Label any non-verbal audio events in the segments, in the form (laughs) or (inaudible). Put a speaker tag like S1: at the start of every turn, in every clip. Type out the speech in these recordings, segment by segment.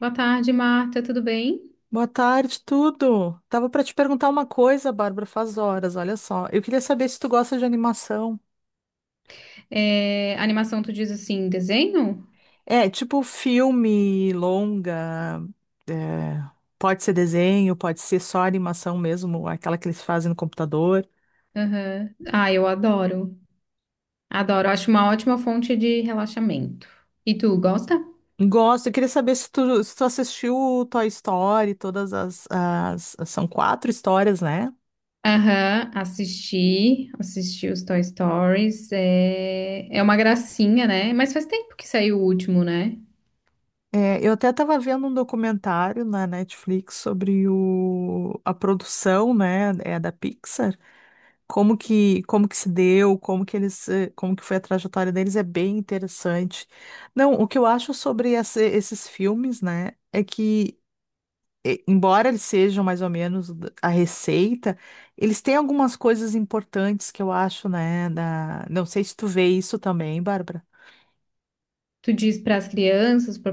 S1: Boa tarde, Marta, tudo bem?
S2: Boa tarde, tudo. Tava para te perguntar uma coisa, Bárbara, faz horas, olha só. Eu queria saber se tu gosta de animação.
S1: É, animação, tu diz assim, desenho?
S2: É, tipo filme, longa, é, pode ser desenho, pode ser só animação mesmo, aquela que eles fazem no computador.
S1: Aham. Ah, eu adoro. Adoro, acho uma ótima fonte de relaxamento. E tu, gosta?
S2: Gosto, eu queria saber se tu, se tu assistiu o Toy Story, todas as, as- são quatro histórias, né?
S1: Aham, assisti, os Toy Stories. É, é uma gracinha, né? Mas faz tempo que saiu o último, né?
S2: É, eu até estava vendo um documentário na Netflix sobre o, a produção, né, da Pixar. Como que se deu, como que eles, como que foi a trajetória deles é bem interessante. Não, o que eu acho sobre essa- esses filmes, né, é que embora eles sejam mais ou menos d- a receita, eles têm algumas coisas importantes que eu acho, né, da... Não sei se tu vê isso também, Bárbara.
S1: Tu diz para as crianças, para o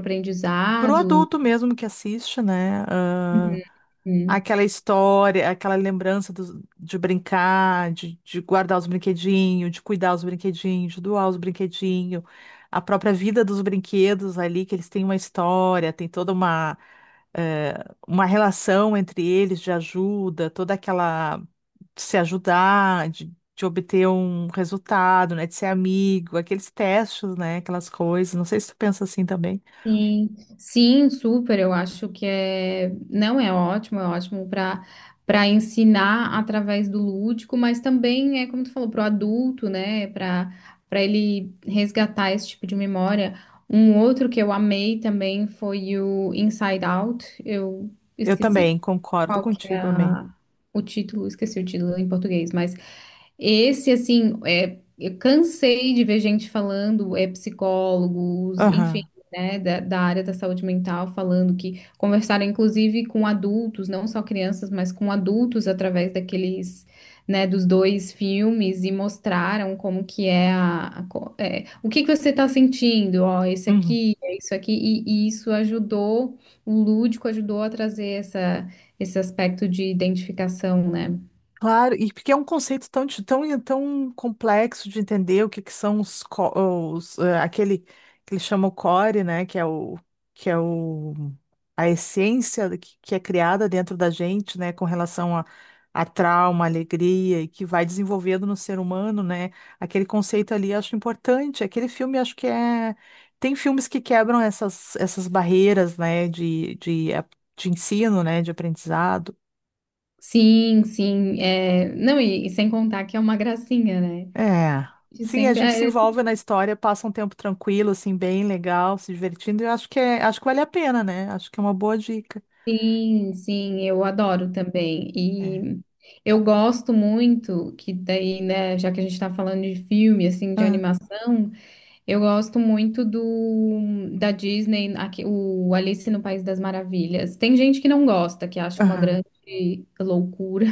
S2: Pro
S1: aprendizado.
S2: adulto mesmo que assiste, né?
S1: Uhum.
S2: Aquela história, aquela lembrança dos- de brincar, de guardar os brinquedinhos, de cuidar os brinquedinhos, de doar os brinquedinhos, a própria vida dos brinquedos ali, que eles têm uma história, tem toda uma, eh, uma relação entre eles de ajuda, toda aquela de se ajudar, de obter um resultado, né, de ser amigo, aqueles testes, né, aquelas coisas. Não sei se tu pensa assim também.
S1: Sim, sim, super. Eu acho que é, não é ótimo, é ótimo para ensinar através do lúdico, mas também é como tu falou, para o adulto, né? Para ele resgatar esse tipo de memória. Um outro que eu amei também foi o Inside Out. Eu
S2: Eu
S1: esqueci
S2: também concordo
S1: qual que é
S2: contigo, amém.
S1: o título, esqueci o título em português, mas esse, assim, é, eu cansei de ver gente falando, é, psicólogos, enfim,
S2: Aham.
S1: né, da área da saúde mental, falando que conversaram, inclusive, com adultos, não só crianças, mas com adultos, através daqueles, né, dos dois filmes, e mostraram como que é é, o que que você está sentindo, ó, esse
S2: Uhum.
S1: aqui, é isso aqui, e isso ajudou, o lúdico ajudou a trazer esse aspecto de identificação, né?
S2: Claro, e porque é um conceito tão, di- tão, tão complexo de entender o que, que são os, co- os, aquele que eles chamam o core, né? Que é o a essência do que é criada dentro da gente, né? Com relação a trauma, alegria e que vai desenvolvendo no ser humano, né? Aquele conceito ali eu acho importante. Aquele filme acho que é tem filmes que quebram essas barreiras, né? De, de ensino, né? De aprendizado.
S1: Sim, sim. É... Não, e sem contar que é uma gracinha, né?
S2: É.
S1: De
S2: Sim, a
S1: sempre.
S2: gente se
S1: É.
S2: envolve na história, passa um tempo tranquilo, assim, bem legal, se divertindo. Eu acho que é, acho que vale a pena, né? Acho que é uma boa dica.
S1: Sim, sim, eu adoro também.
S2: É.
S1: E eu gosto muito que daí, né, já que a gente tá falando de filme, assim, de
S2: Aham,
S1: animação, eu gosto muito do da Disney, aqui, o Alice no País das Maravilhas. Tem gente que não gosta, que acha uma
S2: aham,
S1: grande loucura.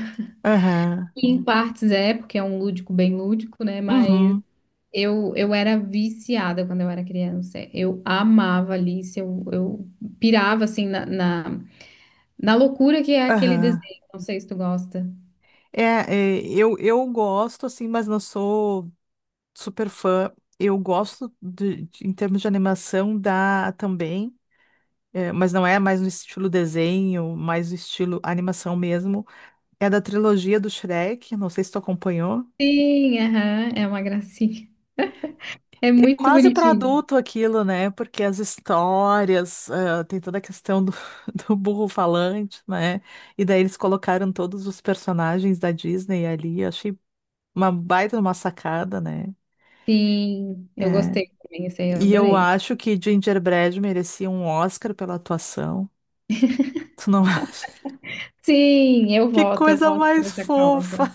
S2: aham,
S1: E em partes é, porque é um lúdico bem lúdico, né? Mas
S2: uhum,
S1: eu era viciada quando eu era criança. Eu amava Alice, eu pirava assim na loucura que é aquele
S2: aham.
S1: desenho. Não sei se tu gosta.
S2: É, é, eu gosto, assim, mas não sou super fã. Eu gosto de- em termos de animação da também, é, mas não é mais no estilo desenho, mais no estilo animação mesmo. É da trilogia do Shrek, não sei se tu acompanhou.
S1: Sim, aham, é uma gracinha. É muito
S2: Quase para
S1: bonitinho.
S2: adulto aquilo, né? Porque as histórias, tem toda a questão do, (laughs) do burro falante, né? E daí eles colocaram todos os personagens da Disney ali. Eu achei uma baita de uma sacada, né?
S1: Sim, eu
S2: É.
S1: gostei também, esse aí eu
S2: E eu
S1: adorei.
S2: acho que Gingerbread merecia um Oscar pela atuação. Tu não (laughs) acha?
S1: Sim,
S2: Que
S1: eu
S2: coisa
S1: voto por
S2: mais
S1: essa causa.
S2: fofa!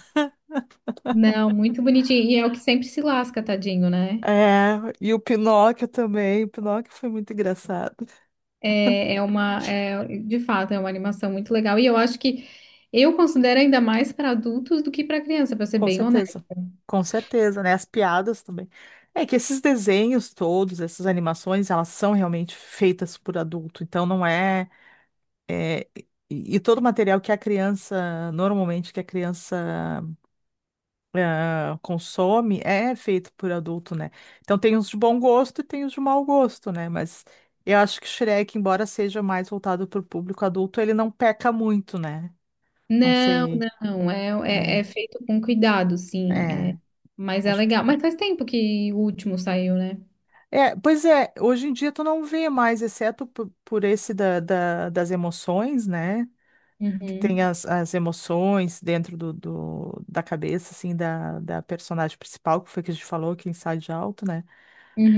S1: Não, muito bonitinho. E é o que sempre se lasca, tadinho, né?
S2: É, e o Pinóquio também. O Pinóquio foi muito engraçado.
S1: É, é uma, é, de fato, é uma animação muito legal. E eu acho que eu considero ainda mais para adultos do que para criança, para ser
S2: Com
S1: bem honesta.
S2: certeza, com certeza, né? As piadas também. É que esses desenhos todos, essas animações, elas são realmente feitas por adulto, então não é, é, e todo o material que a criança, normalmente que a criança consome, é feito por adulto, né? Então tem os de bom gosto e tem os de mau gosto, né? Mas eu acho que Shrek, embora seja mais voltado para o público adulto, ele não peca muito, né? Não
S1: Não,
S2: sei.
S1: não, é, é,
S2: É,
S1: é feito com cuidado, sim. É,
S2: é,
S1: mas é
S2: acho que
S1: legal. Mas faz tempo que o último saiu, né?
S2: é, pois é, hoje em dia tu não vê mais, exceto po- por, esse da, da- das emoções, né? Que tem
S1: Uhum,
S2: as, as emoções dentro do, do- da cabeça, assim, da, da personagem principal, que foi que a gente falou, que é Inside Out, né?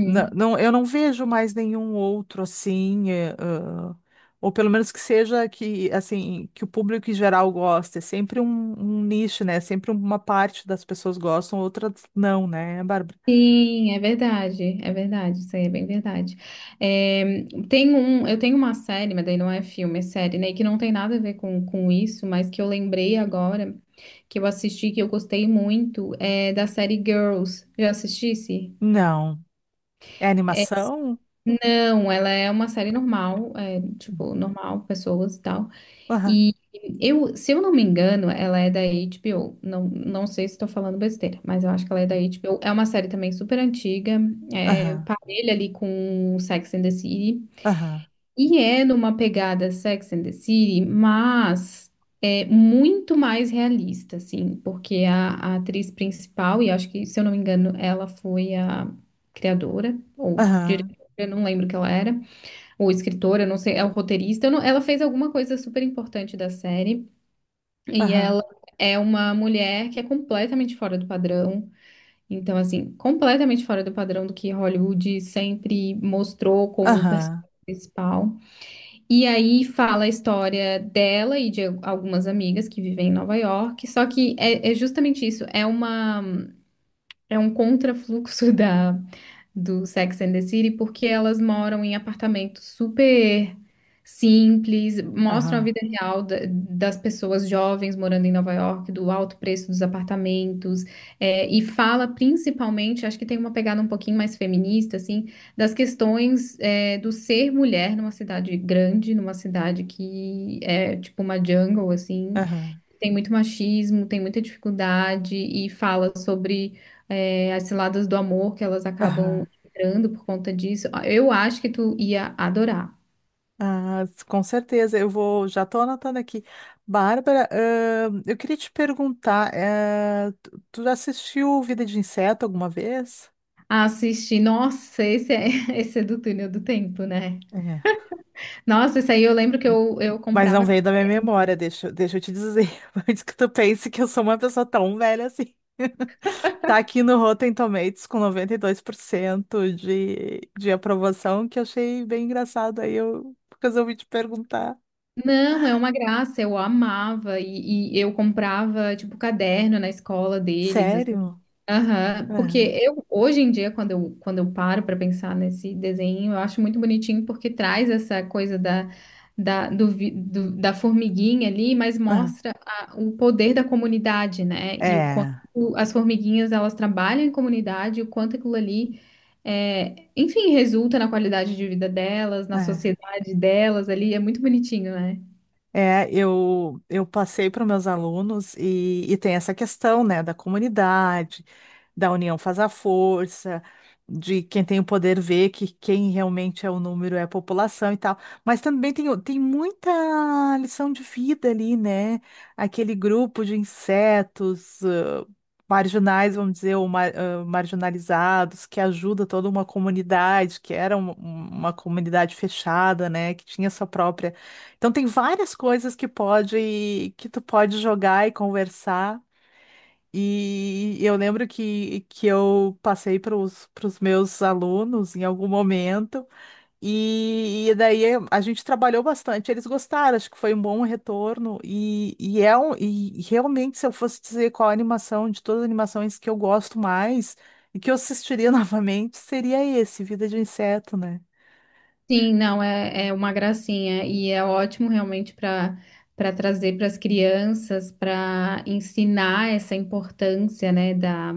S2: Não, não- eu não vejo mais nenhum outro, assim, é, ou pelo menos que seja que, assim, que o público em geral gosta. É sempre um, um nicho, né? Sempre uma parte das pessoas gostam, outras não, né, Bárbara?
S1: Sim, é verdade, isso aí é bem verdade. É, tem um, eu tenho uma série, mas daí não é filme, é série, né? Que não tem nada a ver com isso, mas que eu lembrei agora. Que eu assisti, que eu gostei muito, é da série Girls. Já assistisse?
S2: Não. É
S1: É,
S2: animação?
S1: não, ela é uma série normal, é, tipo, normal, pessoas e tal. E
S2: (laughs)
S1: eu, se eu não me engano, ela é da HBO. Não, não sei se estou falando besteira, mas eu acho que ela é da HBO. É uma série também super antiga, é,
S2: Aham,
S1: parelha ali com Sex and the City.
S2: aham,
S1: E é numa pegada Sex and the City, mas é muito mais realista, assim, porque a atriz principal, e acho que, se eu não me engano, ela foi a criadora ou
S2: aham,
S1: diretora, eu não lembro o que ela era, ou escritora, eu não sei, é o roteirista, eu não- ela fez alguma coisa super importante da série, e
S2: aham,
S1: ela é uma mulher que é completamente fora do padrão. Então, assim, completamente fora do padrão do que Hollywood sempre mostrou como personagem
S2: aham,
S1: principal. E aí fala a história dela e de algumas amigas que vivem em Nova York. Só que é, é justamente isso, é uma, é um contrafluxo (laughs) da, do Sex and the City, porque elas moram em apartamentos super simples, mostram a
S2: aham,
S1: vida real das pessoas jovens morando em Nova York, do alto preço dos apartamentos, é, e fala principalmente, acho que tem uma pegada um pouquinho mais feminista, assim, das questões, é, do ser mulher numa cidade grande, numa cidade que é tipo uma jungle, assim,
S2: aham,
S1: tem muito machismo, tem muita dificuldade e fala sobre é, as ciladas do amor que elas acabam
S2: aham.
S1: entrando por conta disso. Eu acho que tu ia adorar.
S2: Ah, com certeza, eu vou, já estou anotando aqui. Bárbara, eu queria te perguntar, tu já assistiu Vida de Inseto alguma vez?
S1: Assistir, nossa, esse é, (laughs) esse é do túnel do tempo, né?
S2: É.
S1: Nossa, isso aí eu lembro que eu
S2: Mas não
S1: comprava.
S2: veio da minha memória, deixa eu te dizer, (laughs) antes que tu pense que eu sou uma pessoa tão velha assim. Tá aqui no Rotten Tomatoes com 92% de aprovação, que eu achei bem engraçado. Aí eu resolvi te perguntar.
S1: Não, é uma graça, eu amava e eu comprava tipo caderno na escola deles, assim.
S2: Sério?
S1: Aham,
S2: É,
S1: porque eu hoje em dia quando eu paro para pensar nesse desenho, eu acho muito bonitinho porque traz essa coisa da da, do, vi- do- da formiguinha ali, mas mostra o poder da comunidade, né? E o quanto
S2: é,
S1: as formiguinhas elas trabalham em comunidade, o quanto aquilo ali é, enfim, resulta na qualidade de vida delas, na
S2: é.
S1: sociedade personalidade delas ali, é muito bonitinho, né?
S2: É, eu passei para meus alunos e tem essa questão, né, da comunidade. Da união faz a força, de quem tem o poder ver que quem realmente é o número é a população e tal. Mas também tem, o- tem muita lição de vida ali, né? Aquele grupo de insetos, marginais, vamos dizer, ou mar- marginalizados, que ajuda toda uma comunidade, que era um- um, uma comunidade fechada, né? Que tinha sua própria. Então tem várias coisas que pode, que tu pode jogar e conversar. E eu lembro que eu passei para os meus alunos em algum momento, e daí a gente trabalhou bastante. Eles gostaram, acho que foi um bom retorno. E, é um, e realmente, se eu fosse dizer qual a animação de todas as animações que eu gosto mais e que eu assistiria (laughs) novamente, seria esse, Vida de Inseto, né?
S1: Sim, não, é, é uma gracinha e é ótimo realmente para trazer para as crianças, para ensinar essa importância, né, da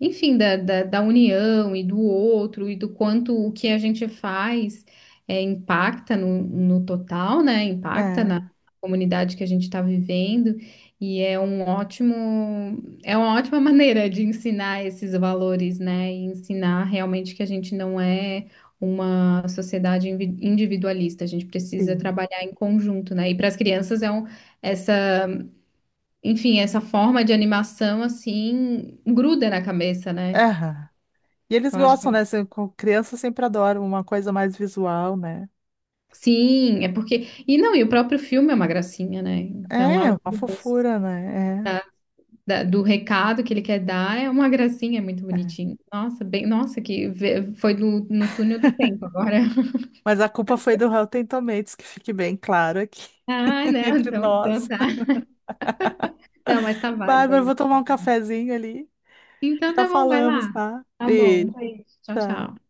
S1: enfim, da união e do outro e do quanto o que a gente faz é, impacta no total, né? Impacta na
S2: É,
S1: comunidade que a gente está vivendo e é um ótimo, é uma ótima (laughs) maneira de ensinar esses valores, né? E ensinar realmente que a gente não é uma sociedade individualista, a gente precisa
S2: sim.
S1: trabalhar em conjunto, né? E para as crianças é um, essa, enfim, essa forma de animação assim gruda na cabeça, né?
S2: Aham. E eles
S1: Eu acho
S2: gostam,
S1: que...
S2: né? Se- com crianças sempre adoram uma coisa mais visual, né?
S1: Sim, é porque. E não, e o próprio filme é uma gracinha, né? Então,
S2: É,
S1: além
S2: uma fofura, né? É.
S1: do recado que ele quer dar, é uma gracinha, é muito
S2: É.
S1: bonitinho. Nossa, bem, nossa, que foi no túnel do tempo agora. (laughs)
S2: Mas a culpa foi do Rotten Tomatoes, que fique bem claro aqui
S1: Ah,
S2: (laughs)
S1: não,
S2: entre
S1: então, então
S2: nós.
S1: tá. Não, mas tá válido
S2: Bárbara, eu vou
S1: ainda.
S2: tomar um cafezinho ali.
S1: Então
S2: Já
S1: tá bom, vai
S2: falamos,
S1: lá.
S2: tá?
S1: Tá bom, um
S2: Beijo.
S1: beijo. Tchau, tchau.
S2: Tchau.